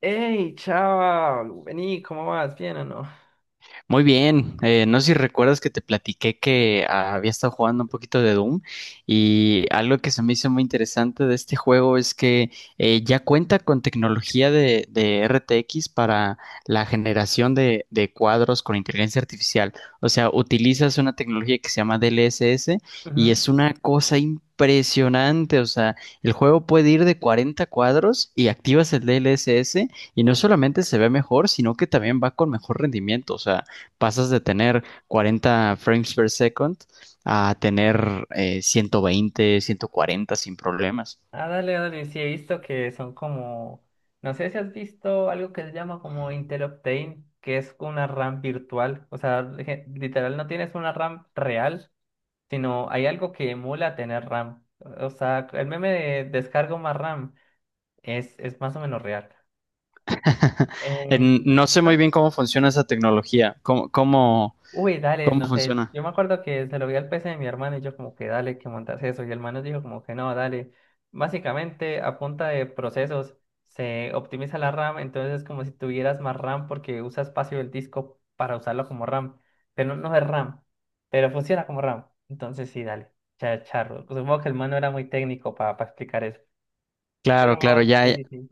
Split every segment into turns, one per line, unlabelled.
Hey, chao, vení, ¿cómo vas? ¿Bien o no?
Muy bien, no sé si recuerdas que te platiqué que había estado jugando un poquito de Doom, y algo que se me hizo muy interesante de este juego es que ya cuenta con tecnología de RTX para la generación de cuadros con inteligencia artificial. O sea, utilizas una tecnología que se llama DLSS y
Ujú.
es una cosa impresionante. O sea, el juego puede ir de 40 cuadros y activas el DLSS. Y no solamente se ve mejor, sino que también va con mejor rendimiento. O sea, pasas de tener 40 frames per second a tener 120, 140 sin problemas.
Ah, dale, dale, sí he visto que son como, no sé si has visto algo que se llama como Intel Optane, que es una RAM virtual, o sea, literal no tienes una RAM real, sino hay algo que emula tener RAM, o sea, el meme de descargo más RAM es más o menos real. Eh,
No sé muy
ajá.
bien cómo funciona esa tecnología.
Uy, dale,
Cómo
no sé,
funciona?
yo me acuerdo que se lo vi al PC de mi hermano y yo como que dale, que montas eso, y el man nos dijo como que no, dale, básicamente a punta de procesos se optimiza la RAM, entonces es como si tuvieras más RAM porque usa espacio del disco para usarlo como RAM, pero no, no es RAM, pero funciona como RAM, entonces sí, dale, charro, supongo que el man no era muy técnico para explicar eso,
Claro, claro,
pero sí,
ya,
sí, sí.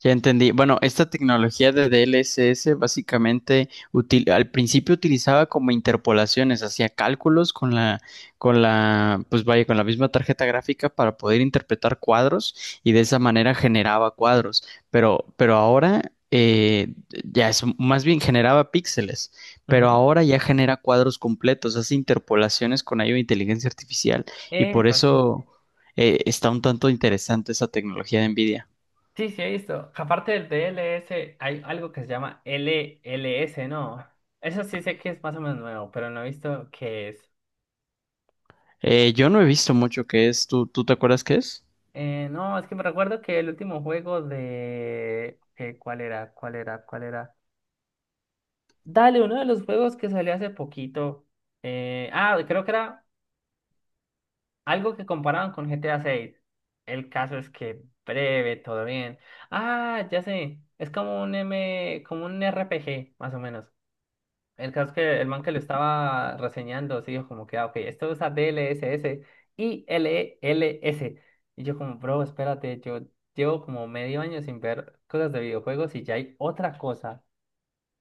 ya entendí. Bueno, esta tecnología de DLSS básicamente al principio utilizaba como interpolaciones, hacía cálculos con la misma tarjeta gráfica para poder interpretar cuadros y de esa manera generaba cuadros. Pero ahora ya es más bien generaba píxeles,
Ujú.
pero ahora ya genera cuadros completos, hace interpolaciones con ayuda de inteligencia artificial y por
Epa, sí.
eso está un tanto interesante esa tecnología de NVIDIA.
Sí, sí, he visto. Aparte del DLS hay algo que se llama LLS, ¿no? Eso sí sé que es más o menos nuevo, pero no he visto qué es.
Yo no he visto mucho qué es. ¿Tú te acuerdas qué es?
No, es que me recuerdo que el último juego de¿cuál era? ¿Cuál era? ¿Cuál era? Dale, uno de los juegos que salió hace poquito. Ah, creo que era algo que comparaban con GTA 6. El caso es que breve, todo bien. Ah, ya sé. Es como un M, como un RPG más o menos. El caso es que el man que lo estaba reseñando, sí, dijo como que, ah, ok, esto usa DLSS y LLS. Y yo como, bro, espérate, yo llevo como medio año sin ver cosas de videojuegos y ya hay otra cosa.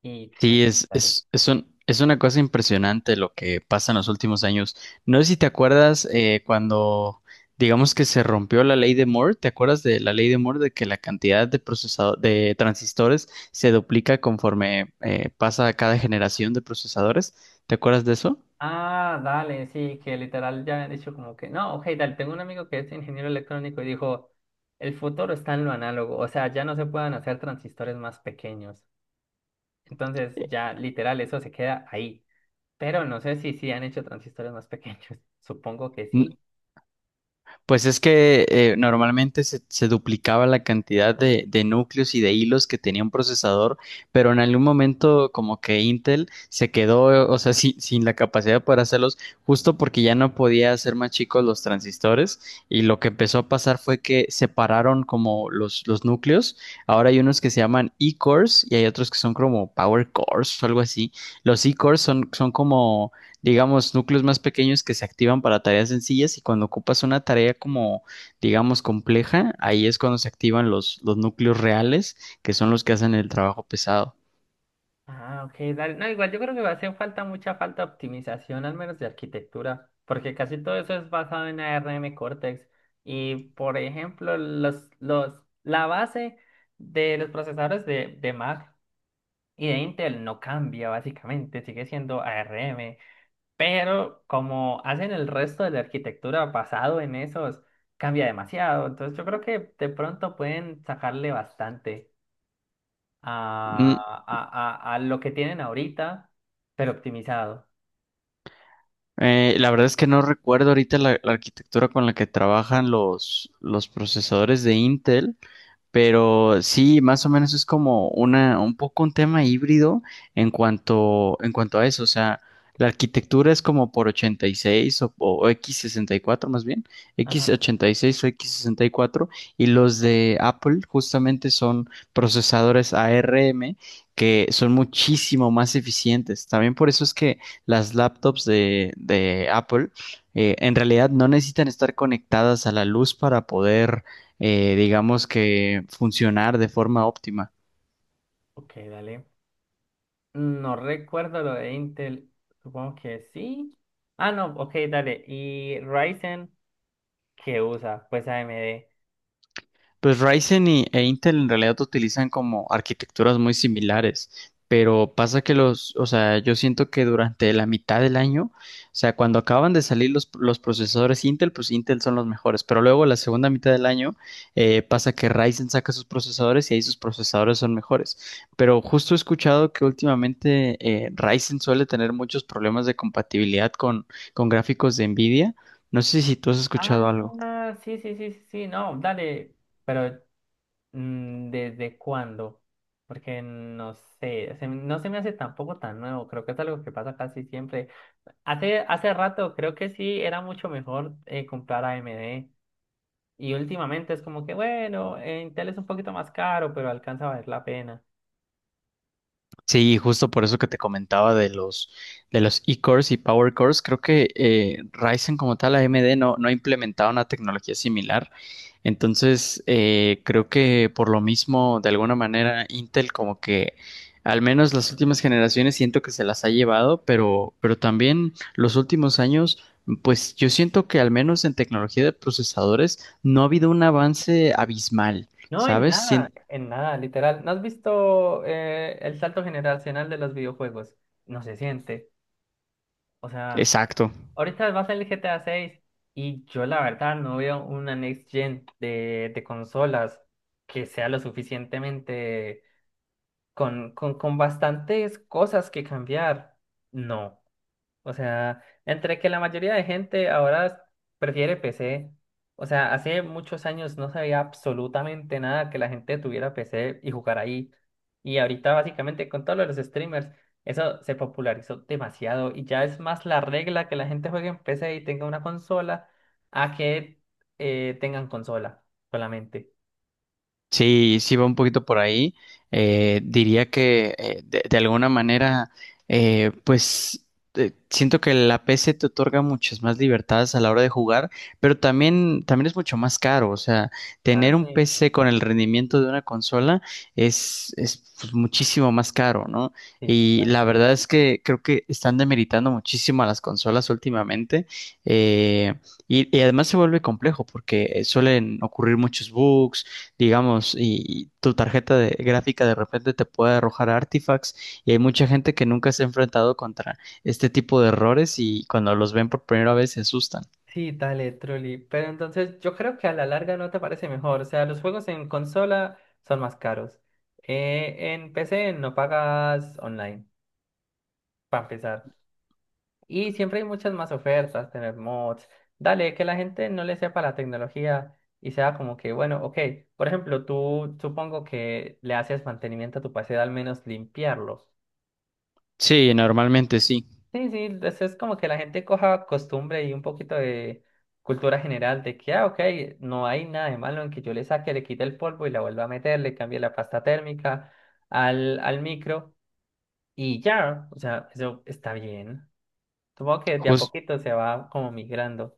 Y pues,
Sí,
dale.
es una cosa impresionante lo que pasa en los últimos años. No sé si te acuerdas digamos que se rompió la ley de Moore. ¿Te acuerdas de la ley de Moore de que la cantidad de de transistores se duplica conforme pasa cada generación de procesadores? ¿Te acuerdas de eso?
Ah, dale, sí, que literal ya han dicho como que, no, ok, dale, tengo un amigo que es ingeniero electrónico y dijo, el futuro está en lo análogo, o sea, ya no se pueden hacer transistores más pequeños. Entonces, ya literal, eso se queda ahí. Pero no sé si sí han hecho transistores más pequeños. Supongo que sí.
Pues es que normalmente se duplicaba la cantidad de núcleos y de hilos que tenía un procesador, pero en algún momento como que Intel se quedó, o sea, sin la capacidad para hacerlos, justo porque ya no podía hacer más chicos los transistores y lo que empezó a pasar fue que separaron como los núcleos. Ahora hay unos que se llaman E-cores y hay otros que son como Power cores o algo así. Los E-cores son como, digamos, núcleos más pequeños que se activan para tareas sencillas y cuando ocupas una tarea como, digamos, compleja, ahí es cuando se activan los núcleos reales, que son los que hacen el trabajo pesado.
Ah, ok, dale. No, igual yo creo que va a hacer falta mucha falta de optimización, al menos de arquitectura, porque casi todo eso es basado en ARM Cortex. Y por ejemplo, los, la base de los procesadores de Mac y de Intel no cambia básicamente, sigue siendo ARM. Pero como hacen el resto de la arquitectura basado en esos, cambia demasiado. Entonces yo creo que de pronto pueden sacarle bastante
Mm,
a lo que tienen ahorita, pero optimizado.
la verdad es que no recuerdo ahorita la arquitectura con la que trabajan los procesadores de Intel, pero sí, más o menos es como una, un poco un tema híbrido en cuanto a eso. O sea, la arquitectura es como por 86 o X64 más bien,
Ajá.
X86 o X64, y cuatro. Y los de Apple justamente son procesadores ARM que son muchísimo más eficientes. También por eso es que las laptops de Apple en realidad no necesitan estar conectadas a la luz para poder digamos que funcionar de forma óptima.
Ok, dale. No recuerdo lo de Intel. Supongo que sí. Ah, no, ok, dale. ¿Y Ryzen qué usa? Pues AMD.
Pues Ryzen e Intel en realidad utilizan como arquitecturas muy similares, pero pasa que los, o sea, yo siento que durante la mitad del año, o sea, cuando acaban de salir los procesadores Intel, pues Intel son los mejores, pero luego la segunda mitad del año pasa que Ryzen saca sus procesadores y ahí sus procesadores son mejores. Pero justo he escuchado que últimamente Ryzen suele tener muchos problemas de compatibilidad con gráficos de Nvidia. No sé si tú has escuchado algo.
Ah, sí, sí, sí, sí, sí, no, dale. Pero ¿desde cuándo? Porque no sé, no se me hace tampoco tan nuevo, creo que es algo que pasa casi siempre. Hace rato creo que sí era mucho mejor comprar AMD. Y últimamente es como que bueno, Intel es un poquito más caro, pero alcanza a valer la pena.
Sí, justo por eso que te comentaba de los E-cores y Power cores, creo que Ryzen como tal, AMD no ha implementado una tecnología similar. Entonces, creo que por lo mismo, de alguna manera, Intel como que al menos las últimas generaciones siento que se las ha llevado, pero también los últimos años, pues yo siento que al menos en tecnología de procesadores no ha habido un avance abismal,
No,
¿sabes?
en nada, literal. ¿No has visto el salto generacional de los videojuegos? No se siente. O sea.
Exacto.
Ahorita va a salir GTA 6, y yo la verdad no veo una next gen de consolas que sea lo suficientemente con bastantes cosas que cambiar. No. O sea, entre que la mayoría de gente ahora prefiere PC, o sea, hace muchos años no sabía absolutamente nada que la gente tuviera PC y jugar ahí. Y ahorita básicamente con todos los streamers, eso se popularizó demasiado y ya es más la regla que la gente juegue en PC y tenga una consola a que tengan consola solamente.
Sí, sí va un poquito por ahí. Diría que de alguna manera, eh, pues siento que la PC te otorga muchas más libertades a la hora de jugar, pero también es mucho más caro. O sea,
Ah,
tener un
sí.
PC con el rendimiento de una consola es pues, muchísimo más caro, ¿no?
Sí,
Y la verdad es que creo que están demeritando muchísimo a las consolas últimamente. Eh, y además se vuelve complejo porque suelen ocurrir muchos bugs, digamos, y tu tarjeta de gráfica de repente te puede arrojar artifacts y hay mucha gente que nunca se ha enfrentado contra este tipo de errores y cuando los ven por primera vez se asustan.
sí, dale, truly. Pero entonces yo creo que a la larga no te parece mejor. O sea, los juegos en consola son más caros. En PC no pagas online, para empezar. Y siempre hay muchas más ofertas, tener mods. Dale, que la gente no le sepa la tecnología y sea como que, bueno, ok, por ejemplo, tú supongo que le haces mantenimiento a tu PC, al menos limpiarlo.
Sí, normalmente sí.
Sí, sí, eso es como que la gente coja costumbre y un poquito de cultura general de que, ah, ok, no hay nada de malo en que yo le saque, le quite el polvo y la vuelva a meter, le cambie la pasta térmica al micro y ya, o sea, eso está bien. Supongo que de a
Jus-
poquito se va como migrando.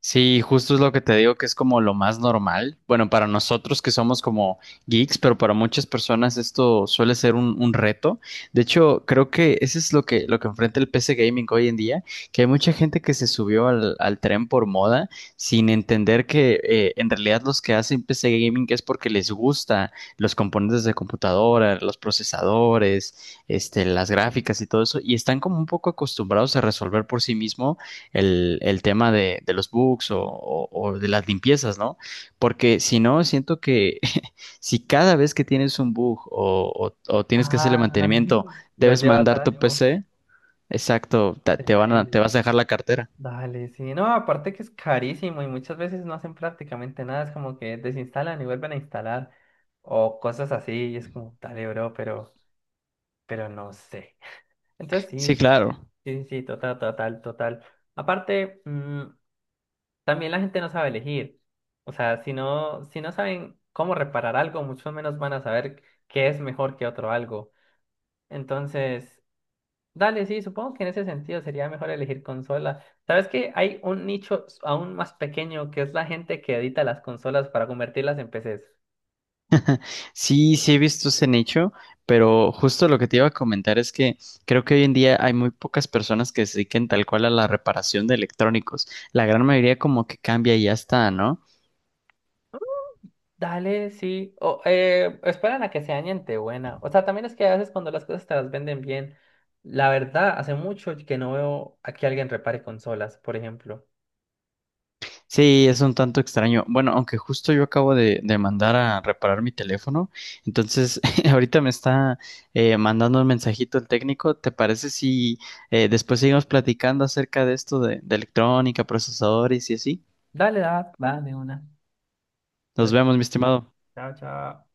Sí, justo es lo que te digo que es como lo más normal. Bueno, para nosotros que somos como geeks, pero para muchas personas esto suele ser un reto. De hecho, creo que eso es lo que enfrenta el PC Gaming hoy en día, que hay mucha gente que se subió al tren por moda sin entender que en realidad los que hacen PC Gaming es porque les gusta los componentes de computadora, los procesadores, este, las gráficas y todo eso, y están como un poco acostumbrados a resolver por sí mismos el tema de los bugs o de las limpiezas, ¿no? Porque si no, siento que si cada vez que tienes un bug o tienes que hacerle
Ah,
mantenimiento,
lo
debes
llevas
mandar
a
tu
algo,
PC, exacto,
se muere.
te vas a dejar la cartera.
Dale, sí, no, aparte que es carísimo y muchas veces no hacen prácticamente nada, es como que desinstalan y vuelven a instalar o cosas así y es como, dale, bro, pero no sé. Entonces
Sí,
sí,
claro.
sí, sí, total, total, total. Aparte, también la gente no sabe elegir, o sea, si no saben cómo reparar algo, mucho menos van a saber qué es mejor que otro algo. Entonces, dale, sí, supongo que en ese sentido sería mejor elegir consola. ¿Sabes que hay un nicho aún más pequeño que es la gente que edita las consolas para convertirlas en PCs?
Sí, sí he visto ese nicho, pero justo lo que te iba a comentar es que creo que hoy en día hay muy pocas personas que se dediquen tal cual a la reparación de electrónicos. La gran mayoría como que cambia y ya está, ¿no?
Dale, sí. O esperan a que se añente buena. O sea, también es que a veces cuando las cosas te las venden bien, la verdad, hace mucho que no veo a que alguien repare consolas, por ejemplo.
Sí, es un tanto extraño. Bueno, aunque justo yo acabo de mandar a reparar mi teléfono, entonces ahorita me está mandando un mensajito el técnico. ¿Te parece si después seguimos platicando acerca de esto de electrónica, procesadores y así?
Dale, da, va de una.
Nos
Entonces,
vemos, mi estimado.
chao, chao.